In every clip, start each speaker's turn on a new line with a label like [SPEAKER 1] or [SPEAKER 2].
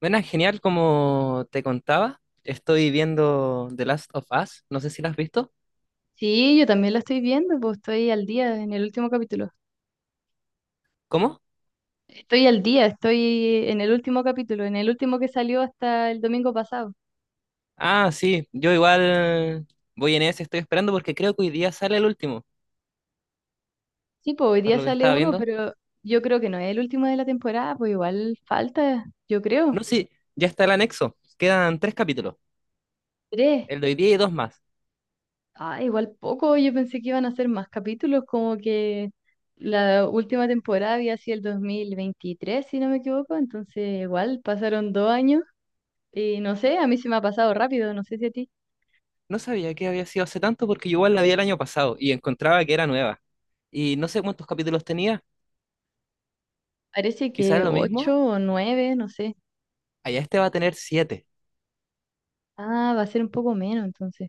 [SPEAKER 1] Bueno, genial, como te contaba, estoy viendo The Last of Us, no sé si la has visto.
[SPEAKER 2] Sí, yo también la estoy viendo, pues estoy al día en el último capítulo.
[SPEAKER 1] ¿Cómo?
[SPEAKER 2] Estoy al día, estoy en el último capítulo, en el último que salió hasta el domingo pasado.
[SPEAKER 1] Ah, sí, yo igual voy en ese, estoy esperando porque creo que hoy día sale el último,
[SPEAKER 2] Sí, pues hoy
[SPEAKER 1] por
[SPEAKER 2] día
[SPEAKER 1] lo que
[SPEAKER 2] sale
[SPEAKER 1] estaba
[SPEAKER 2] uno,
[SPEAKER 1] viendo.
[SPEAKER 2] pero yo creo que no es el último de la temporada, pues igual falta, yo creo,
[SPEAKER 1] No, sí, ya está el anexo, quedan tres capítulos,
[SPEAKER 2] tres.
[SPEAKER 1] el de hoy día y dos más.
[SPEAKER 2] Ah, igual poco, yo pensé que iban a hacer más capítulos, como que la última temporada había sido el 2023, si no me equivoco, entonces igual pasaron 2 años y no sé, a mí se me ha pasado rápido, no sé si a ti.
[SPEAKER 1] No sabía que había sido hace tanto porque yo igual la vi el año pasado y encontraba que era nueva. Y no sé cuántos capítulos tenía,
[SPEAKER 2] Parece
[SPEAKER 1] quizás
[SPEAKER 2] que
[SPEAKER 1] lo
[SPEAKER 2] ocho
[SPEAKER 1] mismo,
[SPEAKER 2] o nueve, no sé.
[SPEAKER 1] allá este va a tener siete.
[SPEAKER 2] Ah, va a ser un poco menos entonces.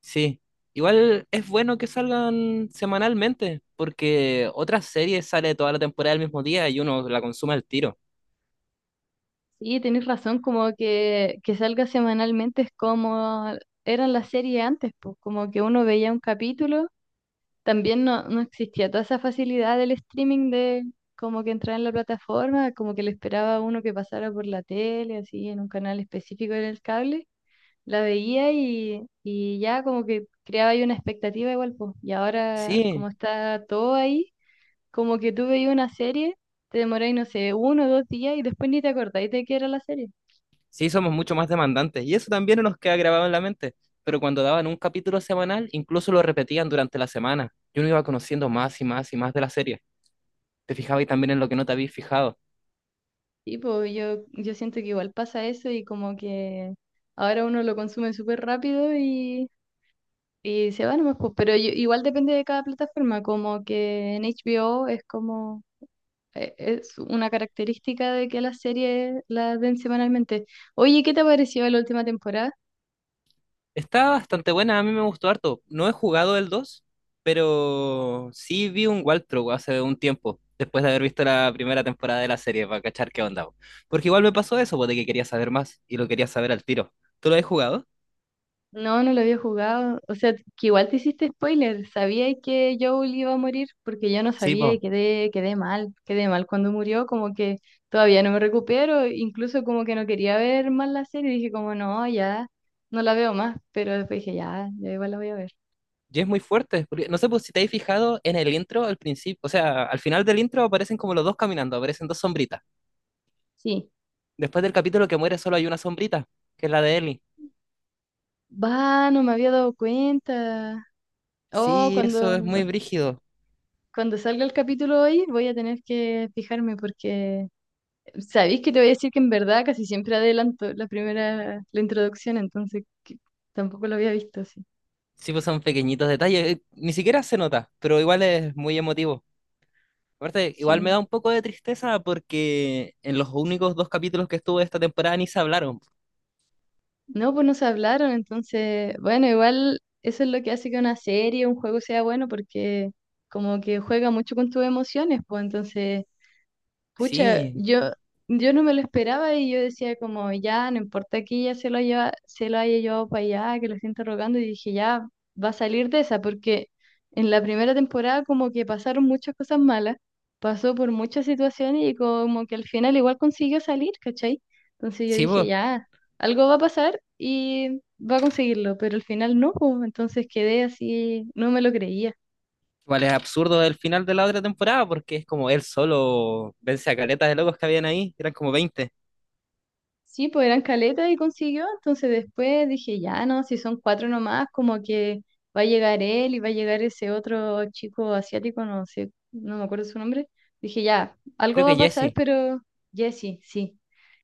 [SPEAKER 1] Sí, igual es bueno que salgan semanalmente, porque otras series sale toda la temporada el mismo día y uno la consume al tiro.
[SPEAKER 2] Sí, tenés razón, como que salga semanalmente es como eran las series antes, pues como que uno veía un capítulo, también no, no existía toda esa facilidad del streaming de como que entrar en la plataforma, como que le esperaba a uno que pasara por la tele, así en un canal específico en el cable, la veía y ya como que creaba ahí una expectativa igual, pues, y ahora como
[SPEAKER 1] Sí,
[SPEAKER 2] está todo ahí. Como que tú veías una serie, te demoráis, no sé, 1 o 2 días y después ni te acordáis de qué era la serie.
[SPEAKER 1] sí, somos mucho más demandantes y eso también nos queda grabado en la mente. Pero cuando daban un capítulo semanal, incluso lo repetían durante la semana. Y uno iba conociendo más y más y más de la serie. Te fijabas también en lo que no te habías fijado.
[SPEAKER 2] Y pues yo siento que igual pasa eso y como que ahora uno lo consume súper rápido y se va nomás, pues. Pero igual depende de cada plataforma, como que en HBO es como... es una característica de que las series las ven semanalmente. Oye, ¿qué te pareció la última temporada?
[SPEAKER 1] Está bastante buena, a mí me gustó harto. No he jugado el dos, pero sí vi un walkthrough hace un tiempo, después de haber visto la primera temporada de la serie, para cachar qué onda, po. Porque igual me pasó eso, po, de que quería saber más y lo quería saber al tiro. ¿Tú lo has jugado?
[SPEAKER 2] No, no lo había jugado. O sea, que igual te hiciste spoiler. Sabía que Joel iba a morir porque yo no
[SPEAKER 1] Sí,
[SPEAKER 2] sabía
[SPEAKER 1] pues.
[SPEAKER 2] y quedé mal. Quedé mal cuando murió, como que todavía no me recupero. Incluso como que no quería ver más la serie. Dije como, no, ya no la veo más. Pero después dije, ya, ya igual la voy a ver.
[SPEAKER 1] Y es muy fuerte, no sé pues, si te has fijado en el intro al principio, o sea, al final del intro aparecen como los dos caminando, aparecen dos sombritas.
[SPEAKER 2] Sí.
[SPEAKER 1] Después del capítulo que muere solo hay una sombrita, que es la de Ellie.
[SPEAKER 2] Va, no me había dado cuenta. Oh,
[SPEAKER 1] Sí, eso es
[SPEAKER 2] cuando,
[SPEAKER 1] muy brígido.
[SPEAKER 2] cuando salga el capítulo hoy voy a tener que fijarme porque sabéis que te voy a decir que en verdad casi siempre adelanto la primera, la introducción, entonces que tampoco lo había visto así.
[SPEAKER 1] Sí, pues son pequeñitos detalles, ni siquiera se nota, pero igual es muy emotivo. Aparte, igual me
[SPEAKER 2] Sí.
[SPEAKER 1] da un poco de tristeza porque en los únicos dos capítulos que estuvo esta temporada ni se hablaron.
[SPEAKER 2] No, pues no se hablaron, entonces, bueno, igual eso es lo que hace que una serie, un juego sea bueno, porque como que juega mucho con tus emociones, pues entonces pucha,
[SPEAKER 1] Sí,
[SPEAKER 2] yo no me lo esperaba y yo decía como, ya, no importa que ella se lo haya llevado para allá, que lo esté interrogando, y dije, ya, va a salir de esa, porque en la primera temporada como que pasaron muchas cosas malas, pasó por muchas situaciones y como que al final igual consiguió salir, ¿cachai? Entonces yo
[SPEAKER 1] sí,
[SPEAKER 2] dije,
[SPEAKER 1] pues
[SPEAKER 2] ya, algo va a pasar y va a conseguirlo, pero al final no, pues, entonces quedé así, no me lo creía.
[SPEAKER 1] igual es absurdo el final de la otra temporada porque es como él solo vence a caletas de locos que habían ahí, eran como 20.
[SPEAKER 2] Sí, pues eran caletas y consiguió. Entonces después dije, ya no, si son cuatro nomás, como que va a llegar él y va a llegar ese otro chico asiático, no sé, no me acuerdo su nombre. Dije, ya, algo
[SPEAKER 1] Creo
[SPEAKER 2] va
[SPEAKER 1] que
[SPEAKER 2] a pasar,
[SPEAKER 1] Jesse,
[SPEAKER 2] pero Jesse, sí.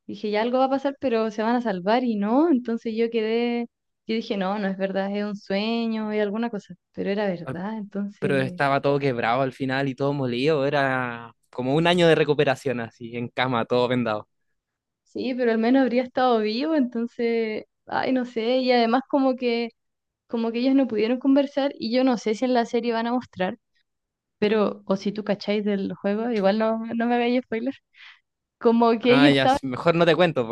[SPEAKER 2] Dije, ya algo va a pasar, pero se van a salvar y no. Entonces yo quedé, yo dije, no, no es verdad, es un sueño, es alguna cosa, pero era
[SPEAKER 1] al-
[SPEAKER 2] verdad.
[SPEAKER 1] pero
[SPEAKER 2] Entonces,
[SPEAKER 1] estaba todo quebrado al final y todo molido, era como un año de recuperación así, en cama, todo vendado.
[SPEAKER 2] sí, pero al menos habría estado vivo, entonces, ay, no sé, y además como que ellos no pudieron conversar y yo no sé si en la serie van a mostrar, pero o si tú cacháis del juego, igual no, no me hagáis spoiler, como que
[SPEAKER 1] Ah,
[SPEAKER 2] ellos
[SPEAKER 1] ya,
[SPEAKER 2] estaban,
[SPEAKER 1] sí, mejor no te cuento,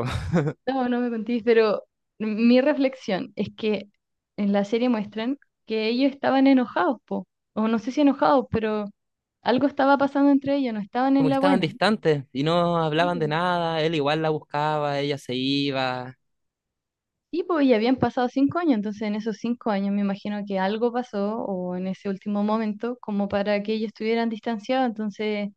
[SPEAKER 2] no, no me contéis, pero mi reflexión es que en la serie muestran que ellos estaban enojados, po, o no sé si enojados, pero algo estaba pasando entre ellos, no estaban en
[SPEAKER 1] como que
[SPEAKER 2] la
[SPEAKER 1] estaban
[SPEAKER 2] buena.
[SPEAKER 1] distantes y no
[SPEAKER 2] Sí,
[SPEAKER 1] hablaban de
[SPEAKER 2] po.
[SPEAKER 1] nada, él igual la buscaba, ella se iba.
[SPEAKER 2] Sí, po, y habían pasado 5 años, entonces en esos 5 años me imagino que algo pasó o en ese último momento como para que ellos estuvieran distanciados, entonces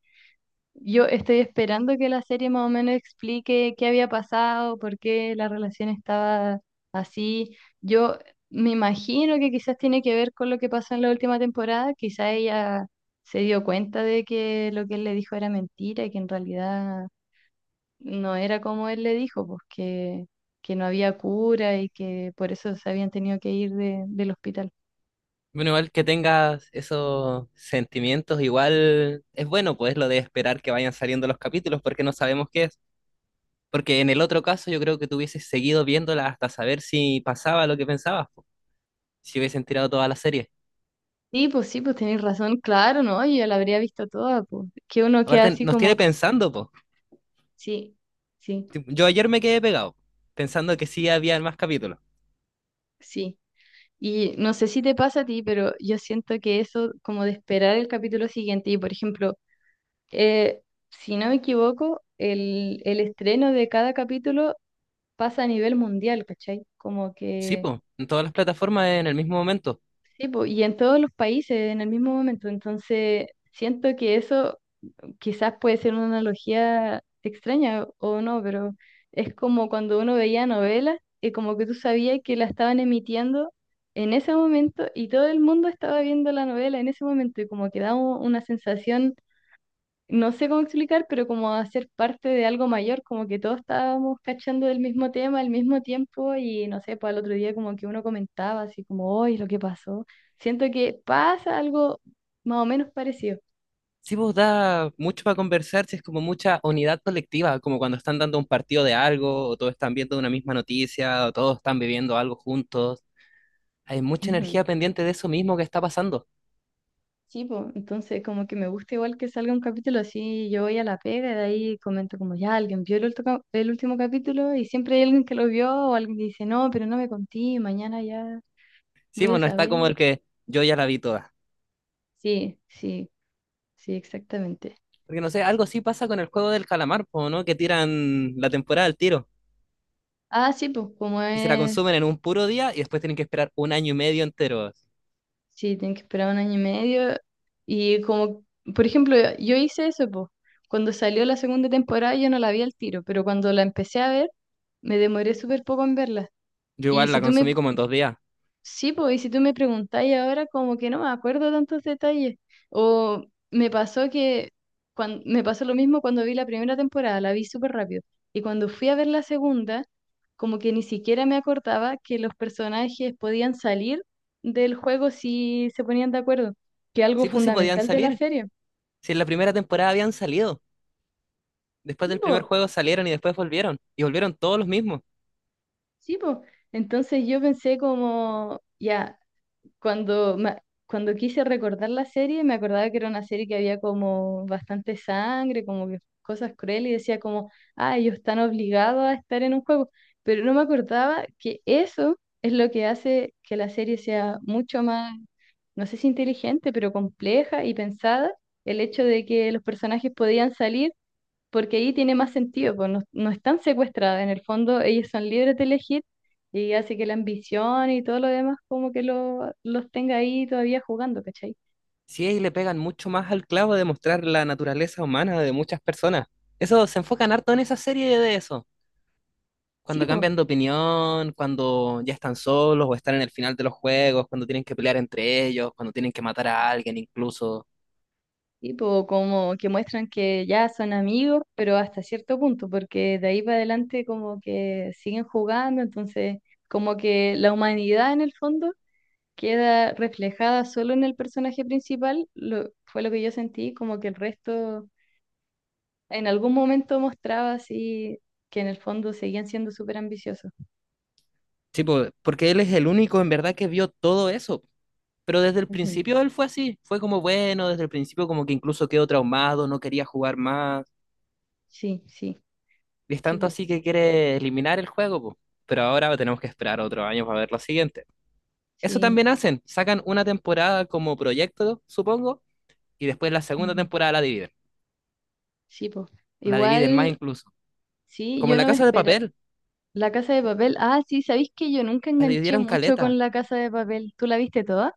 [SPEAKER 2] yo estoy esperando que la serie más o menos explique qué había pasado, por qué la relación estaba así. Yo me imagino que quizás tiene que ver con lo que pasó en la última temporada. Quizás ella se dio cuenta de que lo que él le dijo era mentira y que en realidad no era como él le dijo, pues que, no había cura y que por eso se habían tenido que ir del hospital.
[SPEAKER 1] Bueno, igual que tengas esos sentimientos, igual es bueno, pues lo de esperar que vayan saliendo los capítulos porque no sabemos qué es. Porque en el otro caso yo creo que tú hubieses seguido viéndola hasta saber si pasaba lo que pensabas, po, si hubiesen tirado toda la serie.
[SPEAKER 2] Sí, pues tenéis razón, claro, ¿no? Yo ya la habría visto toda, pues. Que uno queda
[SPEAKER 1] Aparte,
[SPEAKER 2] así
[SPEAKER 1] nos tiene
[SPEAKER 2] como,
[SPEAKER 1] pensando, po.
[SPEAKER 2] sí. Sí,
[SPEAKER 1] Tipo, yo ayer me quedé pegado, pensando que sí había más capítulos.
[SPEAKER 2] sí, y no sé si te pasa a ti, pero yo siento que eso, como de esperar el capítulo siguiente, y por ejemplo, eh, si no me equivoco, el estreno de cada capítulo pasa a nivel mundial, ¿cachai? Como
[SPEAKER 1] Sí,
[SPEAKER 2] que,
[SPEAKER 1] po, en todas las plataformas en el mismo momento.
[SPEAKER 2] sí, po, y en todos los países en el mismo momento, entonces siento que eso quizás puede ser una analogía extraña o no, pero es como cuando uno veía novelas y como que tú sabías que la estaban emitiendo en ese momento y todo el mundo estaba viendo la novela en ese momento y como que da una sensación, no sé cómo explicar, pero como a ser parte de algo mayor, como que todos estábamos cachando del mismo tema al mismo tiempo y no sé, pues al otro día como que uno comentaba así como, hoy lo que pasó. Siento que pasa algo más o menos parecido.
[SPEAKER 1] Sí, vos da mucho para conversar, si es como mucha unidad colectiva, como cuando están dando un partido de algo, o todos están viendo una misma noticia, o todos están viviendo algo juntos. Hay mucha energía pendiente de eso mismo que está pasando.
[SPEAKER 2] Sí, pues, entonces como que me gusta igual que salga un capítulo así, yo voy a la pega y de ahí comento como ya alguien vio el último capítulo y siempre hay alguien que lo vio o alguien que dice no, pero no me conté, mañana ya
[SPEAKER 1] Sí,
[SPEAKER 2] voy
[SPEAKER 1] pues
[SPEAKER 2] a
[SPEAKER 1] no está
[SPEAKER 2] saber.
[SPEAKER 1] como el que yo ya la vi toda.
[SPEAKER 2] Sí, sí, sí, exactamente.
[SPEAKER 1] Porque no sé, algo
[SPEAKER 2] Sí.
[SPEAKER 1] así pasa con el juego del calamar, po, ¿no? Que tiran la temporada al tiro
[SPEAKER 2] Ah, sí, pues como
[SPEAKER 1] y se la
[SPEAKER 2] es,
[SPEAKER 1] consumen en un puro día y después tienen que esperar un año y medio entero.
[SPEAKER 2] sí, tienen que esperar un año y medio y como, por ejemplo, yo hice eso, pues, cuando salió la segunda temporada yo no la vi al tiro, pero cuando la empecé a ver me demoré súper poco en verla.
[SPEAKER 1] Yo
[SPEAKER 2] Y
[SPEAKER 1] igual
[SPEAKER 2] si
[SPEAKER 1] la
[SPEAKER 2] tú
[SPEAKER 1] consumí
[SPEAKER 2] me
[SPEAKER 1] como en 2 días.
[SPEAKER 2] Sí, pues, y si tú me preguntáis ahora, como que no me acuerdo tantos detalles. O me pasó que me pasó lo mismo cuando vi la primera temporada, la vi súper rápido. Y cuando fui a ver la segunda, como que ni siquiera me acordaba que los personajes podían salir del juego si se ponían de acuerdo, que algo
[SPEAKER 1] Sí, pues sí podían
[SPEAKER 2] fundamental de la
[SPEAKER 1] salir.
[SPEAKER 2] serie.
[SPEAKER 1] Si en la primera temporada habían salido. Después
[SPEAKER 2] Sí,
[SPEAKER 1] del primer
[SPEAKER 2] pues,
[SPEAKER 1] juego salieron y después volvieron. Y volvieron todos los mismos.
[SPEAKER 2] sí, pues. Entonces yo pensé como, ya. cuando, ma- Cuando quise recordar la serie, me acordaba que era una serie que había como bastante sangre, como que cosas crueles, y decía como, ah, ellos están obligados a estar en un juego. Pero no me acordaba que eso es lo que hace que la serie sea mucho más, no sé si inteligente, pero compleja y pensada, el hecho de que los personajes podían salir porque ahí tiene más sentido, pues no, no están secuestradas, en el fondo ellas son libres de elegir y hace que la ambición y todo lo demás como que los tenga ahí todavía jugando, ¿cachai?
[SPEAKER 1] Sí, ahí le pegan mucho más al clavo de mostrar la naturaleza humana de muchas personas. Eso se enfocan harto en esa serie de eso.
[SPEAKER 2] Sí,
[SPEAKER 1] Cuando
[SPEAKER 2] pues,
[SPEAKER 1] cambian de opinión, cuando ya están solos o están en el final de los juegos, cuando tienen que pelear entre ellos, cuando tienen que matar a alguien incluso.
[SPEAKER 2] sí, po, como que muestran que ya son amigos, pero hasta cierto punto, porque de ahí para adelante como que siguen jugando, entonces como que la humanidad en el fondo queda reflejada solo en el personaje principal, fue lo que yo sentí, como que el resto en algún momento mostraba así que en el fondo seguían siendo súper ambiciosos.
[SPEAKER 1] Sí, po, porque él es el único en verdad que vio todo eso. Pero desde el
[SPEAKER 2] Ujú.
[SPEAKER 1] principio él fue así, fue como bueno, desde el principio como que incluso quedó traumado, no quería jugar más.
[SPEAKER 2] Sí, sí,
[SPEAKER 1] Y es
[SPEAKER 2] sí,
[SPEAKER 1] tanto
[SPEAKER 2] po,
[SPEAKER 1] así que quiere eliminar el juego, po. Pero ahora tenemos que esperar otro año para ver lo siguiente. Eso
[SPEAKER 2] sí,
[SPEAKER 1] también hacen, sacan una temporada como proyecto, supongo, y después la segunda
[SPEAKER 2] ujú,
[SPEAKER 1] temporada la dividen.
[SPEAKER 2] sí, po.
[SPEAKER 1] O la dividen más
[SPEAKER 2] Igual,
[SPEAKER 1] incluso.
[SPEAKER 2] sí,
[SPEAKER 1] Como en
[SPEAKER 2] yo
[SPEAKER 1] La
[SPEAKER 2] no me
[SPEAKER 1] Casa de
[SPEAKER 2] espera.
[SPEAKER 1] Papel,
[SPEAKER 2] La Casa de Papel, ah, sí, ¿sabéis que yo nunca
[SPEAKER 1] la
[SPEAKER 2] enganché
[SPEAKER 1] dividieron
[SPEAKER 2] mucho con
[SPEAKER 1] caleta.
[SPEAKER 2] La Casa de Papel? ¿Tú la viste toda?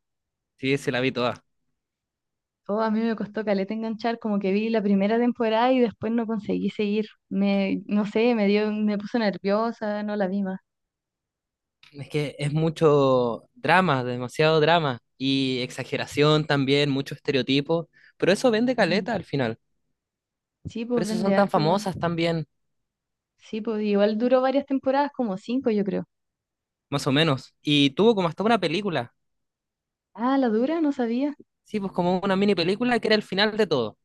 [SPEAKER 1] Sí, se la vi toda.
[SPEAKER 2] Oh, a mí me costó caleta enganchar, como que vi la primera temporada y después no conseguí seguir. Me, no sé, me dio, me puso nerviosa, no la vi más.
[SPEAKER 1] Es que es mucho drama, demasiado drama. Y exageración también, mucho estereotipo. Pero eso vende
[SPEAKER 2] Ujú.
[SPEAKER 1] caleta al final.
[SPEAKER 2] Sí,
[SPEAKER 1] Por
[SPEAKER 2] pues
[SPEAKER 1] eso
[SPEAKER 2] vende
[SPEAKER 1] son tan
[SPEAKER 2] arte igual.
[SPEAKER 1] famosas también,
[SPEAKER 2] Sí, pues igual duró varias temporadas, como cinco, yo creo.
[SPEAKER 1] más o menos. Y tuvo como hasta una película.
[SPEAKER 2] Ah, la dura, no sabía.
[SPEAKER 1] Sí, pues como una mini película que era el final de todo.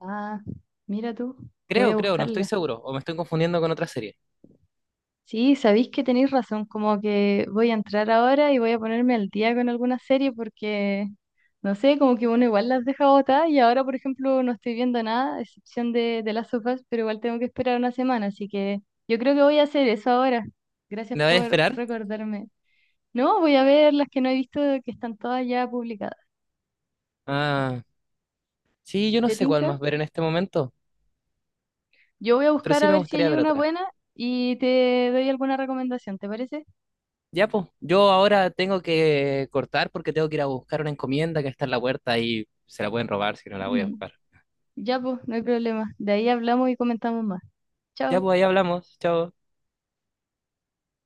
[SPEAKER 2] Ah, mira tú, voy
[SPEAKER 1] Creo,
[SPEAKER 2] a
[SPEAKER 1] creo, no estoy
[SPEAKER 2] buscarla.
[SPEAKER 1] seguro. O me estoy confundiendo con otra serie.
[SPEAKER 2] Sí, sabéis que tenéis razón, como que voy a entrar ahora y voy a ponerme al día con alguna serie porque, no sé, como que uno igual las deja botadas y ahora, por ejemplo, no estoy viendo nada, a excepción de las sofás, pero igual tengo que esperar una semana, así que yo creo que voy a hacer eso ahora. Gracias
[SPEAKER 1] ¿La voy a
[SPEAKER 2] por
[SPEAKER 1] esperar?
[SPEAKER 2] recordarme. No, voy a ver las que no he visto que están todas ya publicadas.
[SPEAKER 1] Ah, sí, yo no
[SPEAKER 2] ¿Te
[SPEAKER 1] sé cuál
[SPEAKER 2] tinca?
[SPEAKER 1] más ver en este momento,
[SPEAKER 2] Yo voy a
[SPEAKER 1] pero
[SPEAKER 2] buscar
[SPEAKER 1] sí
[SPEAKER 2] a
[SPEAKER 1] me
[SPEAKER 2] ver si
[SPEAKER 1] gustaría
[SPEAKER 2] hay
[SPEAKER 1] ver
[SPEAKER 2] una
[SPEAKER 1] otra.
[SPEAKER 2] buena y te doy alguna recomendación, ¿te parece?
[SPEAKER 1] Ya, pues, yo ahora tengo que cortar porque tengo que ir a buscar una encomienda que está en la puerta y se la pueden robar si no la voy a
[SPEAKER 2] Mm,
[SPEAKER 1] buscar.
[SPEAKER 2] ya, pues, no hay problema. De ahí hablamos y comentamos más.
[SPEAKER 1] Ya,
[SPEAKER 2] Chao.
[SPEAKER 1] pues, ahí hablamos. Chao.